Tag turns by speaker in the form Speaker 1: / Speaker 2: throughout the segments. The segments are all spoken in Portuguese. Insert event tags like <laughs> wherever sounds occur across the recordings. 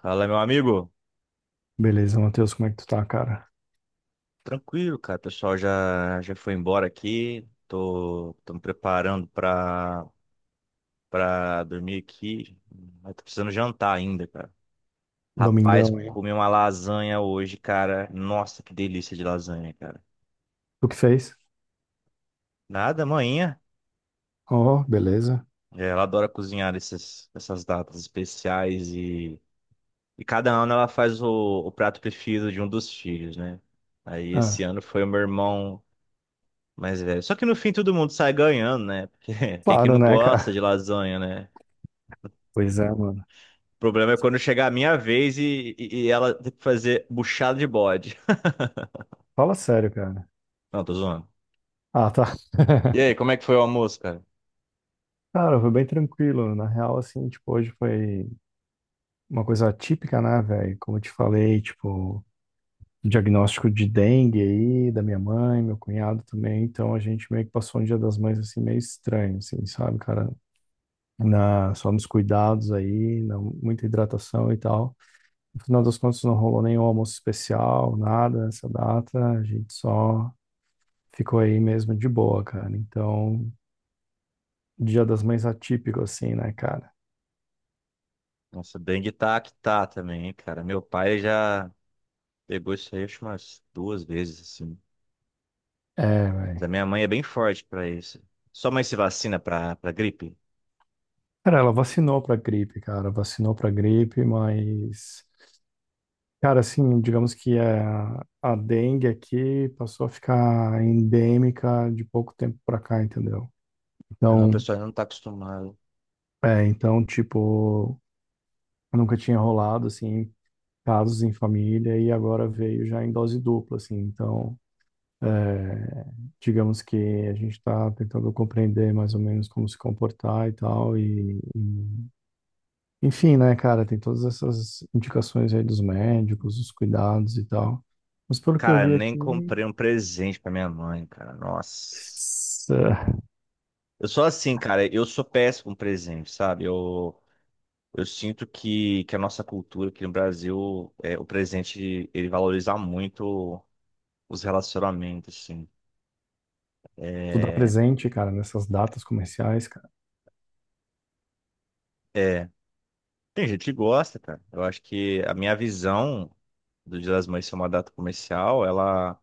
Speaker 1: Fala, meu amigo.
Speaker 2: Beleza, Matheus, como é que tu tá, cara?
Speaker 1: Tranquilo, cara. O pessoal já foi embora aqui. Tô me preparando pra dormir aqui. Mas tô precisando jantar ainda, cara. Rapaz,
Speaker 2: Domingão, hein?
Speaker 1: comi uma lasanha hoje, cara. Nossa, que delícia de lasanha, cara.
Speaker 2: Tu que fez?
Speaker 1: Nada, amanhã.
Speaker 2: Oh, beleza.
Speaker 1: É, ela adora cozinhar essas datas especiais e cada ano ela faz o prato preferido de um dos filhos, né? Aí
Speaker 2: Ah,
Speaker 1: esse ano foi o meu irmão. Mas, velho, só que no fim todo mundo sai ganhando, né? Porque <laughs> quem que
Speaker 2: claro,
Speaker 1: não
Speaker 2: né,
Speaker 1: gosta
Speaker 2: cara?
Speaker 1: de lasanha, né?
Speaker 2: Pois é, mano.
Speaker 1: O problema é quando chegar a minha vez e ela tem que fazer buchada de bode. <laughs>
Speaker 2: Fala sério, cara.
Speaker 1: Não, tô zoando.
Speaker 2: Ah, tá.
Speaker 1: E aí,
Speaker 2: <laughs>
Speaker 1: como é que foi o almoço, cara?
Speaker 2: Cara, foi bem tranquilo. Na real, assim, tipo, hoje foi uma coisa atípica, né, velho? Como eu te falei, tipo, um diagnóstico de dengue aí, da minha mãe, meu cunhado também. Então a gente meio que passou um Dia das Mães, assim, meio estranho, assim, sabe, cara? Na, só nos cuidados aí, na, muita hidratação e tal. No final das contas, não rolou nenhum almoço especial, nada nessa data. A gente só ficou aí mesmo de boa, cara. Então, Dia das Mães atípico, assim, né, cara?
Speaker 1: Nossa, dengue tá que tá também, hein, cara. Meu pai já pegou isso aí, acho, umas duas vezes, assim.
Speaker 2: É,
Speaker 1: Mas a
Speaker 2: velho.
Speaker 1: minha mãe é bem forte pra isso. Sua mãe se vacina pra gripe?
Speaker 2: Cara, ela vacinou pra gripe, cara. Vacinou pra gripe, mas. Cara, assim, digamos que é a dengue aqui passou a ficar endêmica de pouco tempo pra cá, entendeu?
Speaker 1: Não, o
Speaker 2: Então,
Speaker 1: pessoal ainda não tá acostumado.
Speaker 2: é, então, tipo, nunca tinha rolado, assim, casos em família e agora veio já em dose dupla, assim. Então, é, digamos que a gente está tentando compreender mais ou menos como se comportar e tal. Enfim, né, cara, tem todas essas indicações aí dos médicos,
Speaker 1: Uhum.
Speaker 2: os cuidados e tal. Mas pelo que eu
Speaker 1: Cara,
Speaker 2: vi
Speaker 1: nem
Speaker 2: aqui,
Speaker 1: comprei um presente pra minha mãe, cara. Nossa.
Speaker 2: s- eh,
Speaker 1: Eu sou assim, cara, eu sou péssimo presente, sabe? Eu sinto que a nossa cultura aqui no Brasil, é, o presente, ele valoriza muito os relacionamentos, assim.
Speaker 2: tu dá
Speaker 1: É,
Speaker 2: presente, cara, nessas datas comerciais, cara.
Speaker 1: é, tem gente que gosta, cara. Eu acho que a minha visão do Dia das Mães ser uma data comercial, ela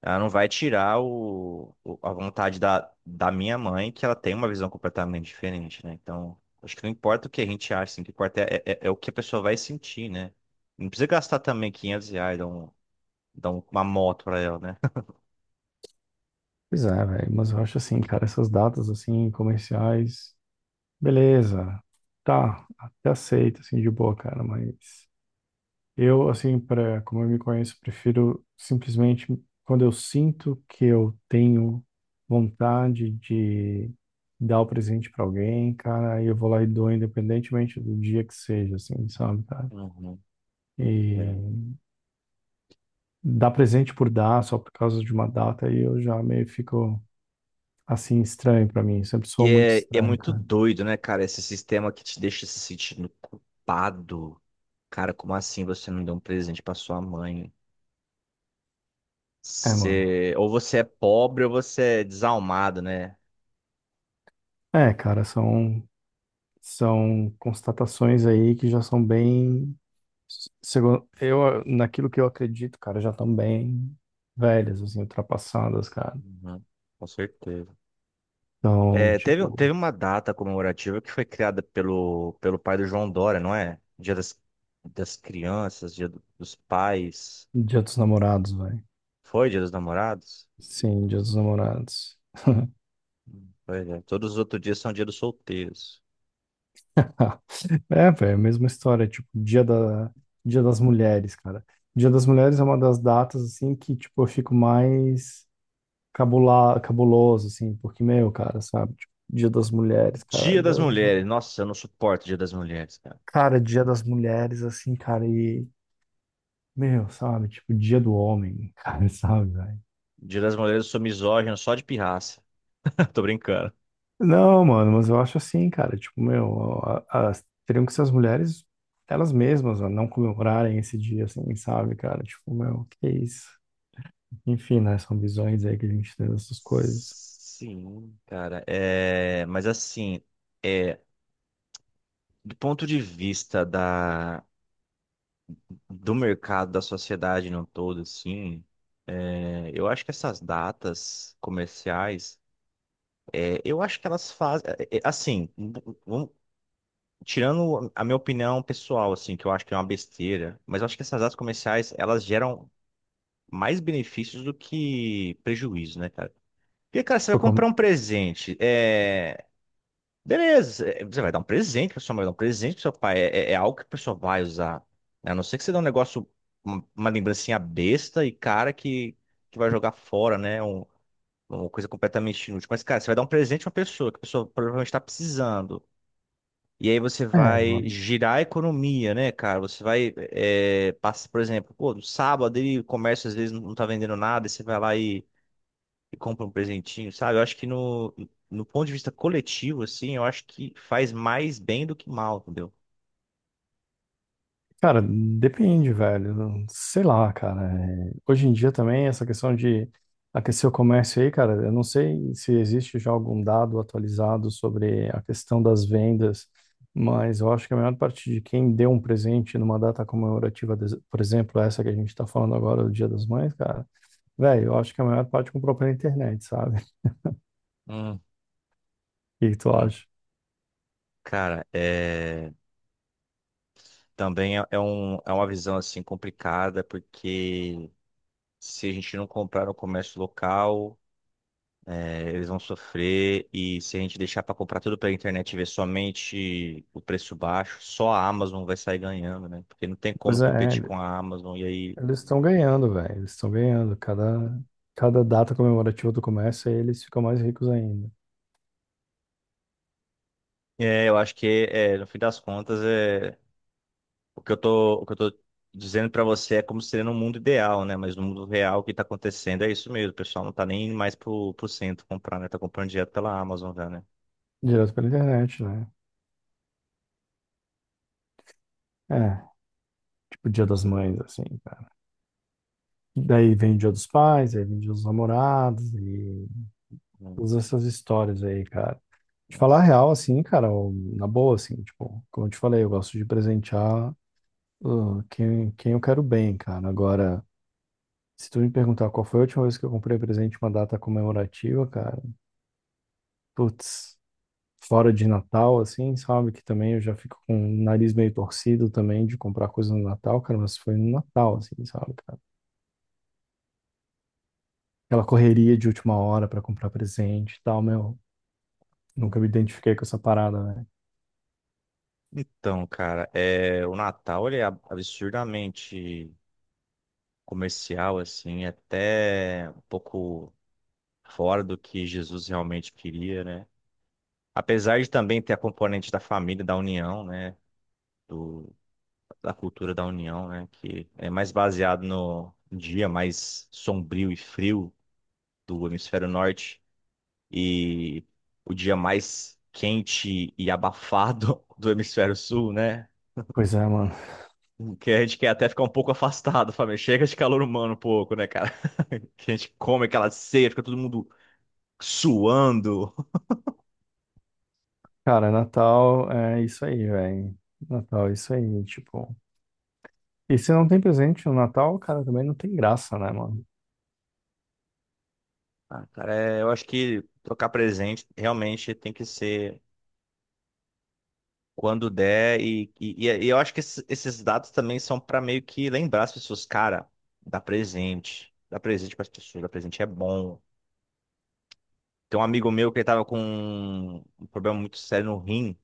Speaker 1: Ela não vai tirar a vontade da minha mãe, que ela tem uma visão completamente diferente, né? Então, acho que não importa o que a gente acha, assim, o que importa é o que a pessoa vai sentir, né? Não precisa gastar também R$ 500, dar uma moto pra ela, né? <laughs>
Speaker 2: Pois é, velho, mas eu acho assim, cara, essas datas assim comerciais, beleza. Tá, até aceito assim de boa, cara, mas eu, assim, para como eu me conheço, prefiro simplesmente quando eu sinto que eu tenho vontade de dar o presente para alguém, cara, aí eu vou lá e dou, independentemente do dia que seja, assim, sabe, cara?
Speaker 1: Uhum, é.
Speaker 2: E dar presente por dar, só por causa de uma data, aí eu já meio fico, assim, estranho para mim. Sempre
Speaker 1: E
Speaker 2: sou muito
Speaker 1: é, é
Speaker 2: estranho,
Speaker 1: muito
Speaker 2: cara.
Speaker 1: doido, né, cara? Esse sistema que te deixa se sentindo culpado. Cara, como assim você não deu um presente pra sua mãe?
Speaker 2: É, mano.
Speaker 1: Você, ou você é pobre ou você é desalmado, né?
Speaker 2: É, cara, são constatações aí que já são bem. Segundo, eu, naquilo que eu acredito, cara, já estão bem velhas, assim, ultrapassadas, cara.
Speaker 1: Uhum, com certeza.
Speaker 2: Então,
Speaker 1: É, teve,
Speaker 2: tipo,
Speaker 1: teve uma data comemorativa que foi criada pelo pai do João Dória, não é? Dia das crianças, dos pais.
Speaker 2: Dia dos Namorados, velho.
Speaker 1: Foi dia dos namorados?
Speaker 2: Sim, Dia dos Namorados.
Speaker 1: Pois é. Todos os outros dias são dia dos solteiros.
Speaker 2: <laughs> É, velho, mesma história, tipo, Dia da, Dia das Mulheres, cara. Dia das Mulheres é uma das datas, assim, que, tipo, eu fico mais cabula, cabuloso, assim, porque, meu, cara, sabe? Tipo, Dia das Mulheres, cara.
Speaker 1: Dia
Speaker 2: Dia
Speaker 1: das
Speaker 2: das...
Speaker 1: mulheres.
Speaker 2: Mulheres.
Speaker 1: Nossa, eu não suporto dia das mulheres, cara.
Speaker 2: Cara, Dia das Mulheres, assim, cara, e meu, sabe? Tipo, Dia do Homem, cara, <laughs> sabe, velho?
Speaker 1: Dia das mulheres eu sou misógino só de pirraça. <laughs> Tô brincando.
Speaker 2: Não, mano, mas eu acho assim, cara. Tipo, meu, as, teriam que ser as mulheres, elas mesmas, ó, não comemorarem esse dia, assim, sabe, cara? Tipo, meu, que isso? Enfim, né? São visões aí que a gente tem dessas coisas.
Speaker 1: Sim, cara. É, mas assim, é, do ponto de vista do mercado, da sociedade no todo, assim, é, eu acho que essas datas comerciais, é, eu acho que elas fazem, é, é, assim, v- vamos- tirando a minha opinião pessoal, assim, que eu acho que é uma besteira, mas eu acho que essas datas comerciais, elas geram mais benefícios do que prejuízo, né, cara? Porque, cara, você vai
Speaker 2: Por como-
Speaker 1: comprar um presente, beleza, é, você vai dar um presente para sua mãe, vai dar um presente pro seu pai. É, é algo que a pessoa vai usar. Né? A não ser que você dê um negócio, uma lembrancinha besta e cara que vai jogar fora, né? Uma coisa completamente inútil. Mas, cara, você vai dar um presente pra uma pessoa que a pessoa provavelmente está precisando. E aí você
Speaker 2: É,
Speaker 1: vai
Speaker 2: mano.
Speaker 1: girar a economia, né, cara? Você vai, é, passa, por exemplo, pô, no sábado aí o comércio às vezes não tá vendendo nada, e você vai lá e compra um presentinho, sabe? Eu acho que no ponto de vista coletivo, assim, eu acho que faz mais bem do que mal, entendeu?
Speaker 2: Cara, depende, velho. Sei lá, cara. É, hoje em dia também, essa questão de aquecer o comércio aí, cara, eu não sei se existe já algum dado atualizado sobre a questão das vendas, mas eu acho que a maior parte de quem deu um presente numa data comemorativa, por exemplo, essa que a gente tá falando agora, o Dia das Mães, cara, velho, eu acho que a maior parte comprou pela internet, sabe? <laughs>
Speaker 1: Hum,
Speaker 2: O que que tu
Speaker 1: hum.
Speaker 2: acha?
Speaker 1: Cara, é... também é, é um, é uma visão, assim, complicada, porque se a gente não comprar no comércio local, é, eles vão sofrer, e se a gente deixar para comprar tudo pela internet e ver somente o preço baixo, só a Amazon vai sair ganhando, né? Porque não tem como
Speaker 2: Pois
Speaker 1: competir
Speaker 2: é,
Speaker 1: com a Amazon, e aí...
Speaker 2: eles estão ganhando, velho. Eles estão ganhando. Cada data comemorativa do comércio, aí eles ficam mais ricos ainda.
Speaker 1: É, eu acho que, é, no fim das contas, é. O que eu tô dizendo pra você é como seria no mundo ideal, né? Mas no mundo real, o que tá acontecendo é isso mesmo. O pessoal não tá nem indo mais pro centro comprar, né? Tá comprando direto pela Amazon já, né?
Speaker 2: Direto pela internet, né? É, tipo Dia das Mães, assim, cara. Daí vem o Dia dos Pais, aí vem o Dia dos Namorados e
Speaker 1: Hum,
Speaker 2: todas essas histórias aí, cara. Te falar a
Speaker 1: nossa.
Speaker 2: real, assim, cara, na boa, assim, tipo, como eu te falei, eu gosto de presentear quem eu quero bem, cara. Agora, se tu me perguntar qual foi a última vez que eu comprei presente em uma data comemorativa, cara, putz, fora de Natal, assim, sabe? Que também eu já fico com o nariz meio torcido também de comprar coisa no Natal, cara, mas foi no Natal, assim, sabe, cara? Aquela correria de última hora pra comprar presente e tal, meu. Nunca me identifiquei com essa parada, né?
Speaker 1: Então, cara, é, o Natal ele é absurdamente comercial, assim, até um pouco fora do que Jesus realmente queria, né? Apesar de também ter a componente da família, da união, né? Da cultura da União, né? Que é mais baseado no dia mais sombrio e frio do hemisfério norte e o dia mais quente e abafado <laughs> do hemisfério sul, né?
Speaker 2: Pois é, mano.
Speaker 1: Que a gente quer até ficar um pouco afastado, família. Chega de calor humano um pouco, né, cara? <laughs> Que a gente come aquela ceia, fica todo mundo suando.
Speaker 2: Cara, Natal é isso aí, velho. Natal é isso aí, tipo. E se não tem presente no Natal, cara, também não tem graça, né, mano?
Speaker 1: Ah, cara, é, eu acho que trocar presente realmente tem que ser. Quando der, e eu acho que esses dados também são para meio que lembrar as pessoas, cara, dá presente para as pessoas, dá presente é bom. Tem um amigo meu que ele tava com um problema muito sério no rim,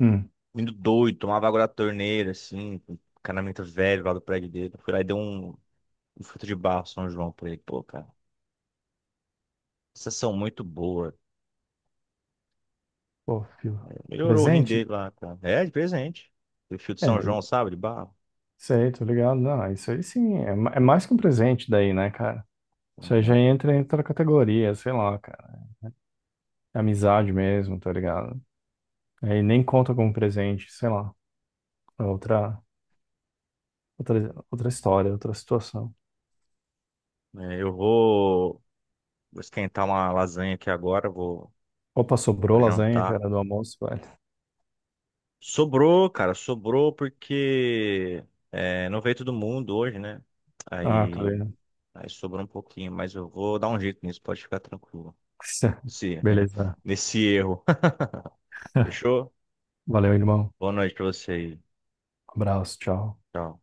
Speaker 2: Hum.
Speaker 1: indo doido, tomava água da torneira, assim, um encanamento velho lá do prédio dele. Eu fui lá e dei um fruto de barro São João pra ele. Pô, cara, vocês são muito boa.
Speaker 2: Pô, filho.
Speaker 1: Melhorou o rim
Speaker 2: Presente?
Speaker 1: dele lá, cara. É, de presente. O fio de São
Speaker 2: É,
Speaker 1: João, sabe, de barro.
Speaker 2: isso aí, tô ligado. Não, isso aí sim. É, é mais que um presente daí, né, cara? Isso aí já
Speaker 1: Aham.
Speaker 2: entra em outra categoria, sei lá, cara. Amizade mesmo, tá ligado? Aí nem conta como presente, sei lá. É outra, outra história, outra situação.
Speaker 1: É, eu vou. Vou esquentar uma lasanha aqui agora, vou,
Speaker 2: Opa, sobrou
Speaker 1: vou
Speaker 2: lasanha,
Speaker 1: jantar.
Speaker 2: cara, do almoço, velho.
Speaker 1: Sobrou, cara, sobrou porque é, não veio todo mundo hoje, né?
Speaker 2: Ah, tá
Speaker 1: Aí,
Speaker 2: vendo.
Speaker 1: aí sobrou um pouquinho, mas eu vou dar um jeito nisso, pode ficar tranquilo.
Speaker 2: <laughs>
Speaker 1: Nesse,
Speaker 2: Beleza.
Speaker 1: <laughs> nesse erro. <laughs> Fechou?
Speaker 2: Valeu, irmão.
Speaker 1: Boa noite pra você aí.
Speaker 2: Abraço, tchau.
Speaker 1: Tchau.